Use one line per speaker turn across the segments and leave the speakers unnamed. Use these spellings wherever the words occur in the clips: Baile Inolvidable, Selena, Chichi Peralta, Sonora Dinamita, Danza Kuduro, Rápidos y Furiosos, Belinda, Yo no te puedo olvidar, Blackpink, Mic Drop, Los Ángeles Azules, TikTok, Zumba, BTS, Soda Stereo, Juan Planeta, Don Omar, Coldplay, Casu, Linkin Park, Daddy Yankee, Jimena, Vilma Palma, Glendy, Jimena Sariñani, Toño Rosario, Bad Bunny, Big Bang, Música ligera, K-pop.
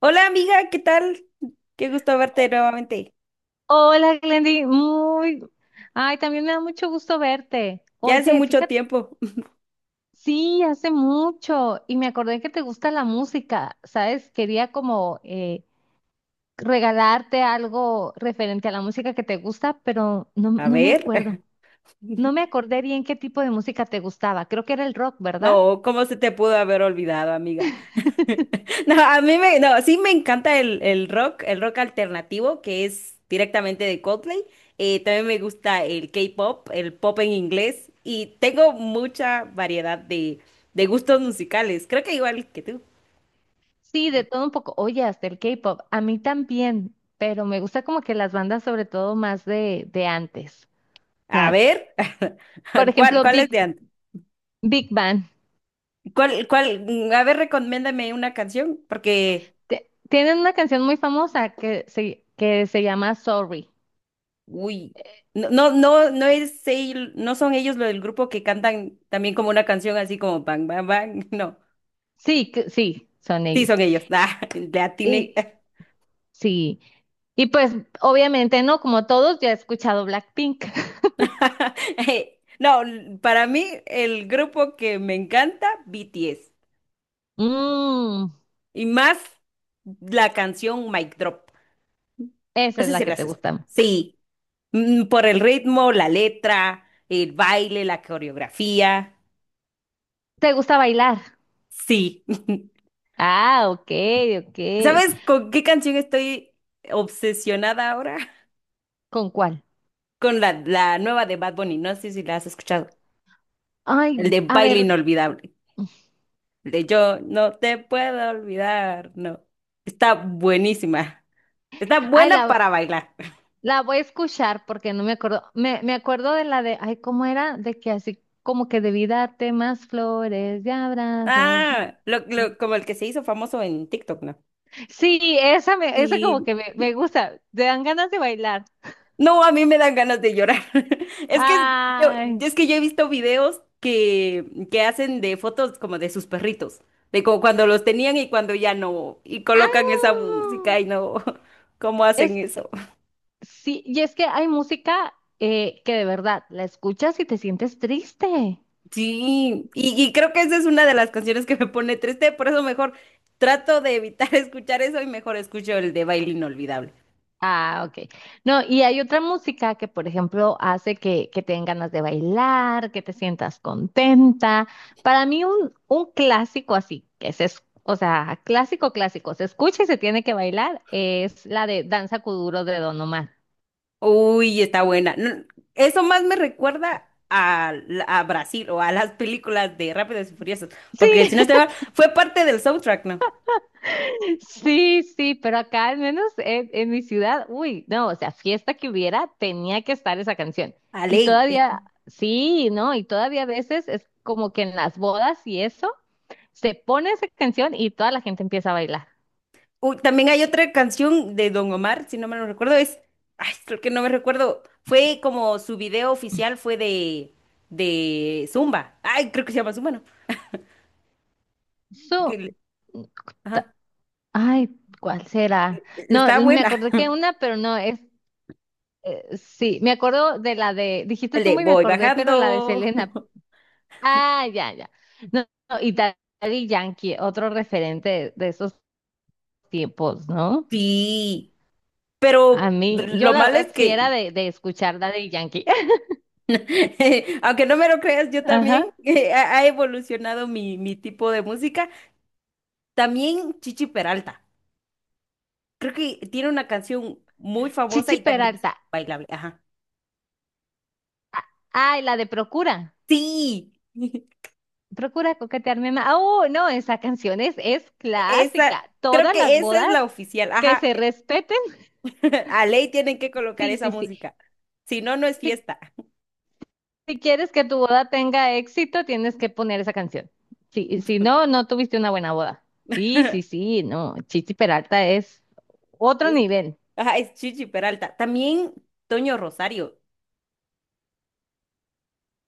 Hola, amiga, ¿qué tal? Qué gusto verte nuevamente.
Hola, Glendy. Muy. Ay, también me da mucho gusto verte.
Ya hace
Oye,
mucho
fíjate,
tiempo.
sí, hace mucho y me acordé que te gusta la música, ¿sabes? Quería como regalarte algo referente a la música que te gusta, pero no,
A
no me
ver.
acuerdo. No me acordé bien qué tipo de música te gustaba. Creo que era el rock, ¿verdad?
No, ¿cómo se te pudo haber olvidado, amiga? No, a mí me, no, sí me encanta el rock, el rock alternativo, que es directamente de Coldplay. También me gusta el K-pop, el pop en inglés, y tengo mucha variedad de gustos musicales. Creo que igual que tú.
Sí, de todo un poco. Oye, hasta el K-pop. A mí también, pero me gusta como que las bandas, sobre todo más de antes. O
A
sea,
ver,
por
¿cuál,
ejemplo,
cuál es de antes?
Big Bang.
¿Cuál? A ver, recomiéndame una canción, porque
Tienen una canción muy famosa que se llama Sorry.
uy, no es no son ellos lo del grupo que cantan también como una canción así como bang, bang, bang. No,
Sí, sí, son
sí
ellos.
son ellos. Ah, le atiné.
Y sí, y pues obviamente no, como todos, ya he escuchado Blackpink.
No, para mí el grupo que me encanta, BTS.
Mm,
Y más la canción Mic Drop.
esa
No
es
sé
la
si
que te
las escuchas.
gusta.
Sí. Mm, por el ritmo, la letra, el baile, la coreografía.
¿Te gusta bailar?
Sí.
Ah, ok, ok.
¿Sabes con qué canción estoy obsesionada ahora?
¿Con cuál?
Con la nueva de Bad Bunny, no sé si la has escuchado,
Ay,
el de
a
Baile
ver,
Inolvidable, el de Yo no te puedo olvidar, no, está buenísima, está
ay,
buena para bailar.
la voy a escuchar porque no me acuerdo. Me acuerdo de la de, ay, ¿cómo era? De que así como que debí darte más flores y abrazos.
Ah, como el que se hizo famoso en TikTok, ¿no?
Sí, esa como
Sí.
que me gusta, te dan ganas de bailar.
No, a mí me dan ganas de llorar. Es que yo,
Ay,
es que yo he visto videos que hacen de fotos como de sus perritos, de como cuando los tenían y cuando ya no, y colocan esa
ah,
música y no, ¿cómo hacen
es
eso?
sí, y es que hay música que de verdad la escuchas y te sientes triste.
Sí, y creo que esa es una de las canciones que me pone triste, por eso mejor trato de evitar escuchar eso y mejor escucho el de Baile Inolvidable.
Ah, ok. No, y hay otra música que, por ejemplo, hace que te den ganas de bailar, que te sientas contenta. Para mí, un clásico así, o sea, clásico, clásico, se escucha y se tiene que bailar, es la de Danza Kuduro de Don Omar.
Uy, está buena. No, eso más me recuerda a, a Brasil o a las películas de Rápidos y Furiosos, porque si no
Sí,
estoy mal, fue parte del soundtrack, ¿no?
sí, pero acá al menos en mi ciudad, uy, no, o sea, fiesta que hubiera, tenía que estar esa canción.
A
Y
ley.
todavía, sí, ¿no? Y todavía a veces es como que en las bodas y eso, se pone esa canción y toda la gente empieza a bailar.
Uy, también hay otra canción de Don Omar, si no me lo recuerdo, es, ay, creo que no me recuerdo, fue como su video oficial fue de Zumba. Ay, creo que se llama Zumba, ¿no? Que
Su,
le-
ta-
Ajá.
ay, ¿Cuál será? No,
Está
me
buena.
acordé que una, pero no, es, sí, me acuerdo de la de, dijiste
El de
Zumba y me
voy
acordé, pero la de
bajando.
Selena. Ah, ya, ya. No, no, y Daddy Yankee, otro referente de esos tiempos, ¿no?
Sí,
A
pero
mí, yo
lo
la
malo
verdad
es
sí era
que,
de escuchar Daddy Yankee.
aunque no me lo creas, yo también
Ajá.
ha ha evolucionado mi tipo de música. También Chichi Peralta. Creo que tiene una canción muy famosa
Chichi
y también es
Peralta.
bailable. Ajá.
Ay, la de Procura.
Sí,
Procura coquetearme más. Oh, no, esa canción es
esa,
clásica.
creo
Todas
que
las
esa es
bodas
la oficial.
que
Ajá.
se respeten.
A ley tienen que colocar
Sí,
esa
sí, sí.
música. Si no, no es
Si,
fiesta.
si quieres que tu boda tenga éxito, tienes que poner esa canción. Sí, si no, no tuviste una buena boda. Sí, sí, sí, no. Chichi Peralta es otro nivel.
Ajá, es Chichi Peralta. También Toño Rosario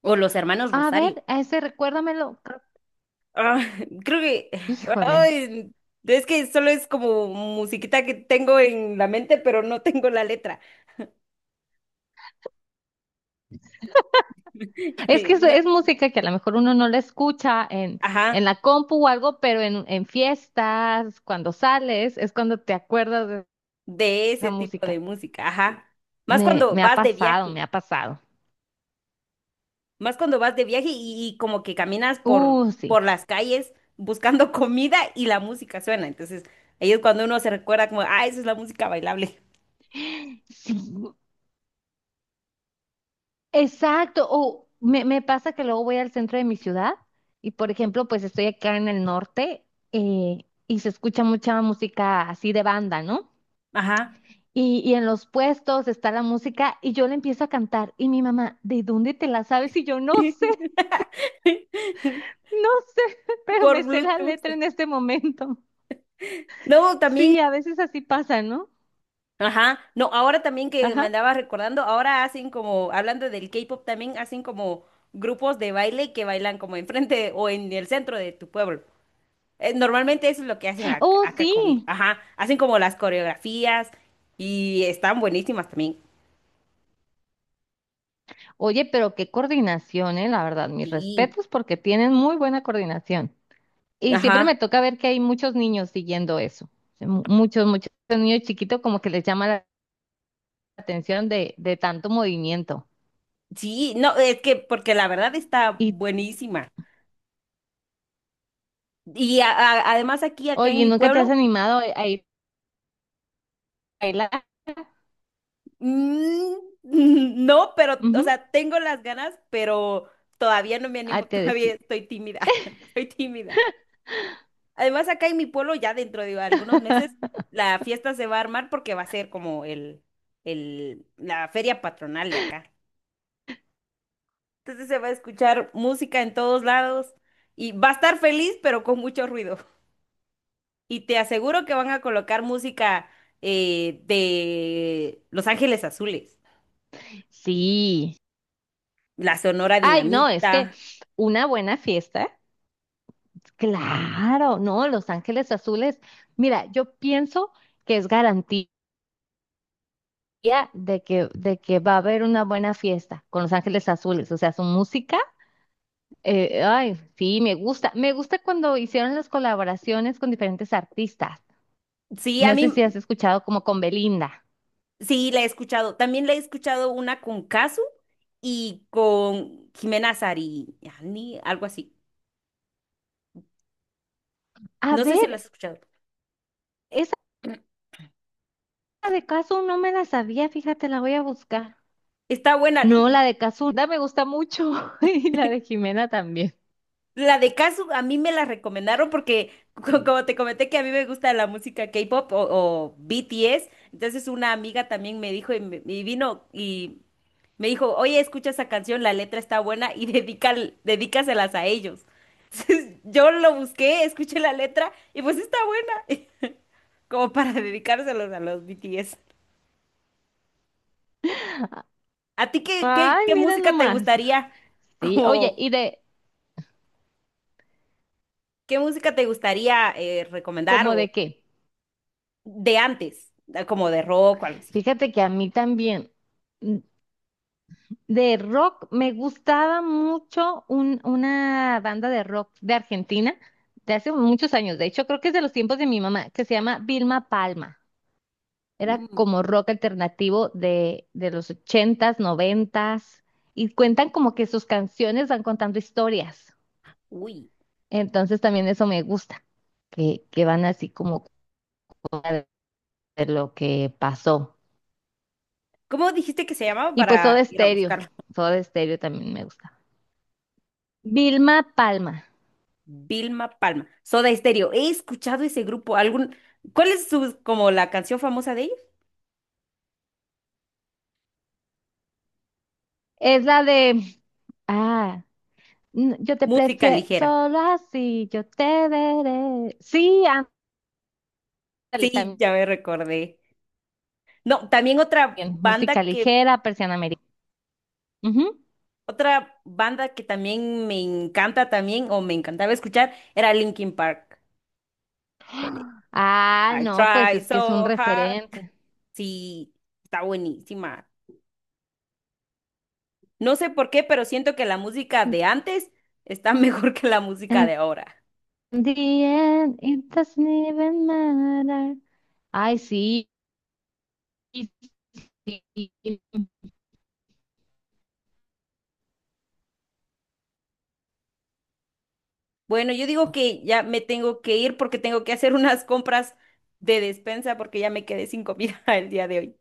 o los hermanos
A ver,
Rosario.
a ese recuérdamelo. Creo-
Ah, creo que
Híjole.
ay, es que solo es como musiquita que tengo en la mente, pero no tengo la letra.
Es que
No,
es música que a lo mejor uno no la escucha
ajá,
en la compu o algo, pero en fiestas, cuando sales, es cuando te acuerdas de
de
esa
ese tipo
música.
de música, ajá. Más cuando
Me ha
vas de
pasado,
viaje,
me ha pasado.
más cuando vas de viaje y como que caminas
Sí.
por las calles buscando comida y la música suena. Entonces, ahí es cuando uno se recuerda como, ah, esa es la música bailable.
Sí, exacto. O me pasa que luego voy al centro de mi ciudad y, por ejemplo, pues estoy acá en el norte y se escucha mucha música así de banda, ¿no?
Ajá.
Y en los puestos está la música y yo le empiezo a cantar y mi mamá, ¿de dónde te la sabes? Y yo no no sé, pero
Por
me sé la
Bluetooth.
letra en este momento.
No, también,
Sí, a veces así pasa, ¿no?
ajá, no, ahora también que me
Ajá.
andaba recordando, ahora hacen como, hablando del K-pop, también hacen como grupos de baile que bailan como enfrente o en el centro de tu pueblo. Normalmente eso es lo que hacen
Oh,
acá, conmigo,
sí.
ajá, hacen como las coreografías y están buenísimas también.
Oye, pero qué coordinación, la verdad. Mis
Sí,
respetos porque tienen muy buena coordinación. Y siempre
ajá,
me toca ver que hay muchos niños siguiendo eso. Sí, muchos, muchos niños chiquitos como que les llama la atención de tanto movimiento.
sí, no, es que porque la verdad está
Y,
buenísima. Y además aquí, acá en
oye,
mi
¿nunca te has
pueblo,
animado a ir a bailar?
mm, no, pero, o
Ujú.
sea, tengo las ganas, pero todavía no me
Ah,
animo,
te
todavía
deci-
estoy tímida, estoy tímida. Además, acá en mi pueblo, ya dentro de algunos meses, la fiesta se va a armar porque va a ser como la feria patronal de acá. Entonces se va a escuchar música en todos lados y va a estar feliz, pero con mucho ruido. Y te aseguro que van a colocar música de Los Ángeles Azules,
Sí.
la Sonora
Ay, no, es que
Dinamita.
una buena fiesta. Claro, no, Los Ángeles Azules. Mira, yo pienso que es garantía de de que va a haber una buena fiesta con Los Ángeles Azules. O sea, su música, ay, sí, me gusta. Me gusta cuando hicieron las colaboraciones con diferentes artistas.
Sí, a
No
mí,
sé si has escuchado como con Belinda.
sí, la he escuchado. También la he escuchado una con Casu y con Jimena Sariñani, algo así.
A
No sé si
ver,
la has escuchado.
esa de Casu no me la sabía, fíjate, la voy a buscar.
Está buena.
No,
N-
la de Caso me gusta mucho y la de Jimena también.
La de Casu a mí me la recomendaron porque, como te comenté, que a mí me gusta la música K-pop o BTS. Entonces una amiga también me dijo y, y vino y me dijo, oye, escucha esa canción, la letra está buena y dedícaselas a ellos. Entonces, yo lo busqué, escuché la letra y pues está buena. Como para dedicárselos a los BTS. ¿A ti qué, qué,
Ay,
qué
mira
música te
nomás.
gustaría,
Sí, oye,
como,
¿y de
qué música te gustaría recomendar
cómo
o
de qué?
de antes, como de rock o algo así?
Fíjate que a mí también mm, de rock me gustaba mucho una banda de rock de Argentina de hace muchos años. De hecho, creo que es de los tiempos de mi mamá, que se llama Vilma Palma. Era
Mm,
como rock alternativo de los ochentas, noventas, y cuentan como que sus canciones van contando historias.
uy,
Entonces también eso me gusta, que van así como de lo que pasó.
¿cómo dijiste que se llamaba
Y pues
para
Soda
ir a
Stereo,
buscarlo?
Soda Stereo también me gusta. Vilma Palma,
Vilma Palma, Soda Stereo. He escuchado ese grupo. ¿Algún, cuál es su, como la canción famosa de ellos?
es la de, ah, n- yo te
Música
prefiero
ligera.
solo así, yo te veré. Sí, ándale
Sí,
también,
ya me recordé. No, también otra
música
banda que
ligera, persiana americana. Ujú.
otra banda que también me encanta también, o me encantaba escuchar, era Linkin Park. El de,
Ah,
I
no, pues
try
es que es un
so hard.
referente.
Sí, está buenísima. No sé por qué, pero siento que la música de antes está mejor que la música
And
de ahora.
the end, it doesn't even matter. Ay, sí, sí,
Bueno, yo digo que ya me tengo que ir porque tengo que hacer unas compras de despensa porque ya me quedé sin comida el día de hoy.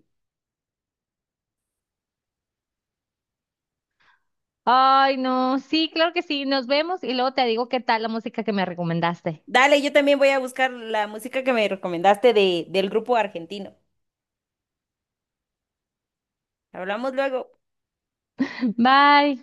Ay, no, sí, claro que sí, nos vemos y luego te digo qué tal la música que me recomendaste.
Dale, yo también voy a buscar la música que me recomendaste del grupo argentino. Hablamos luego.
Bye.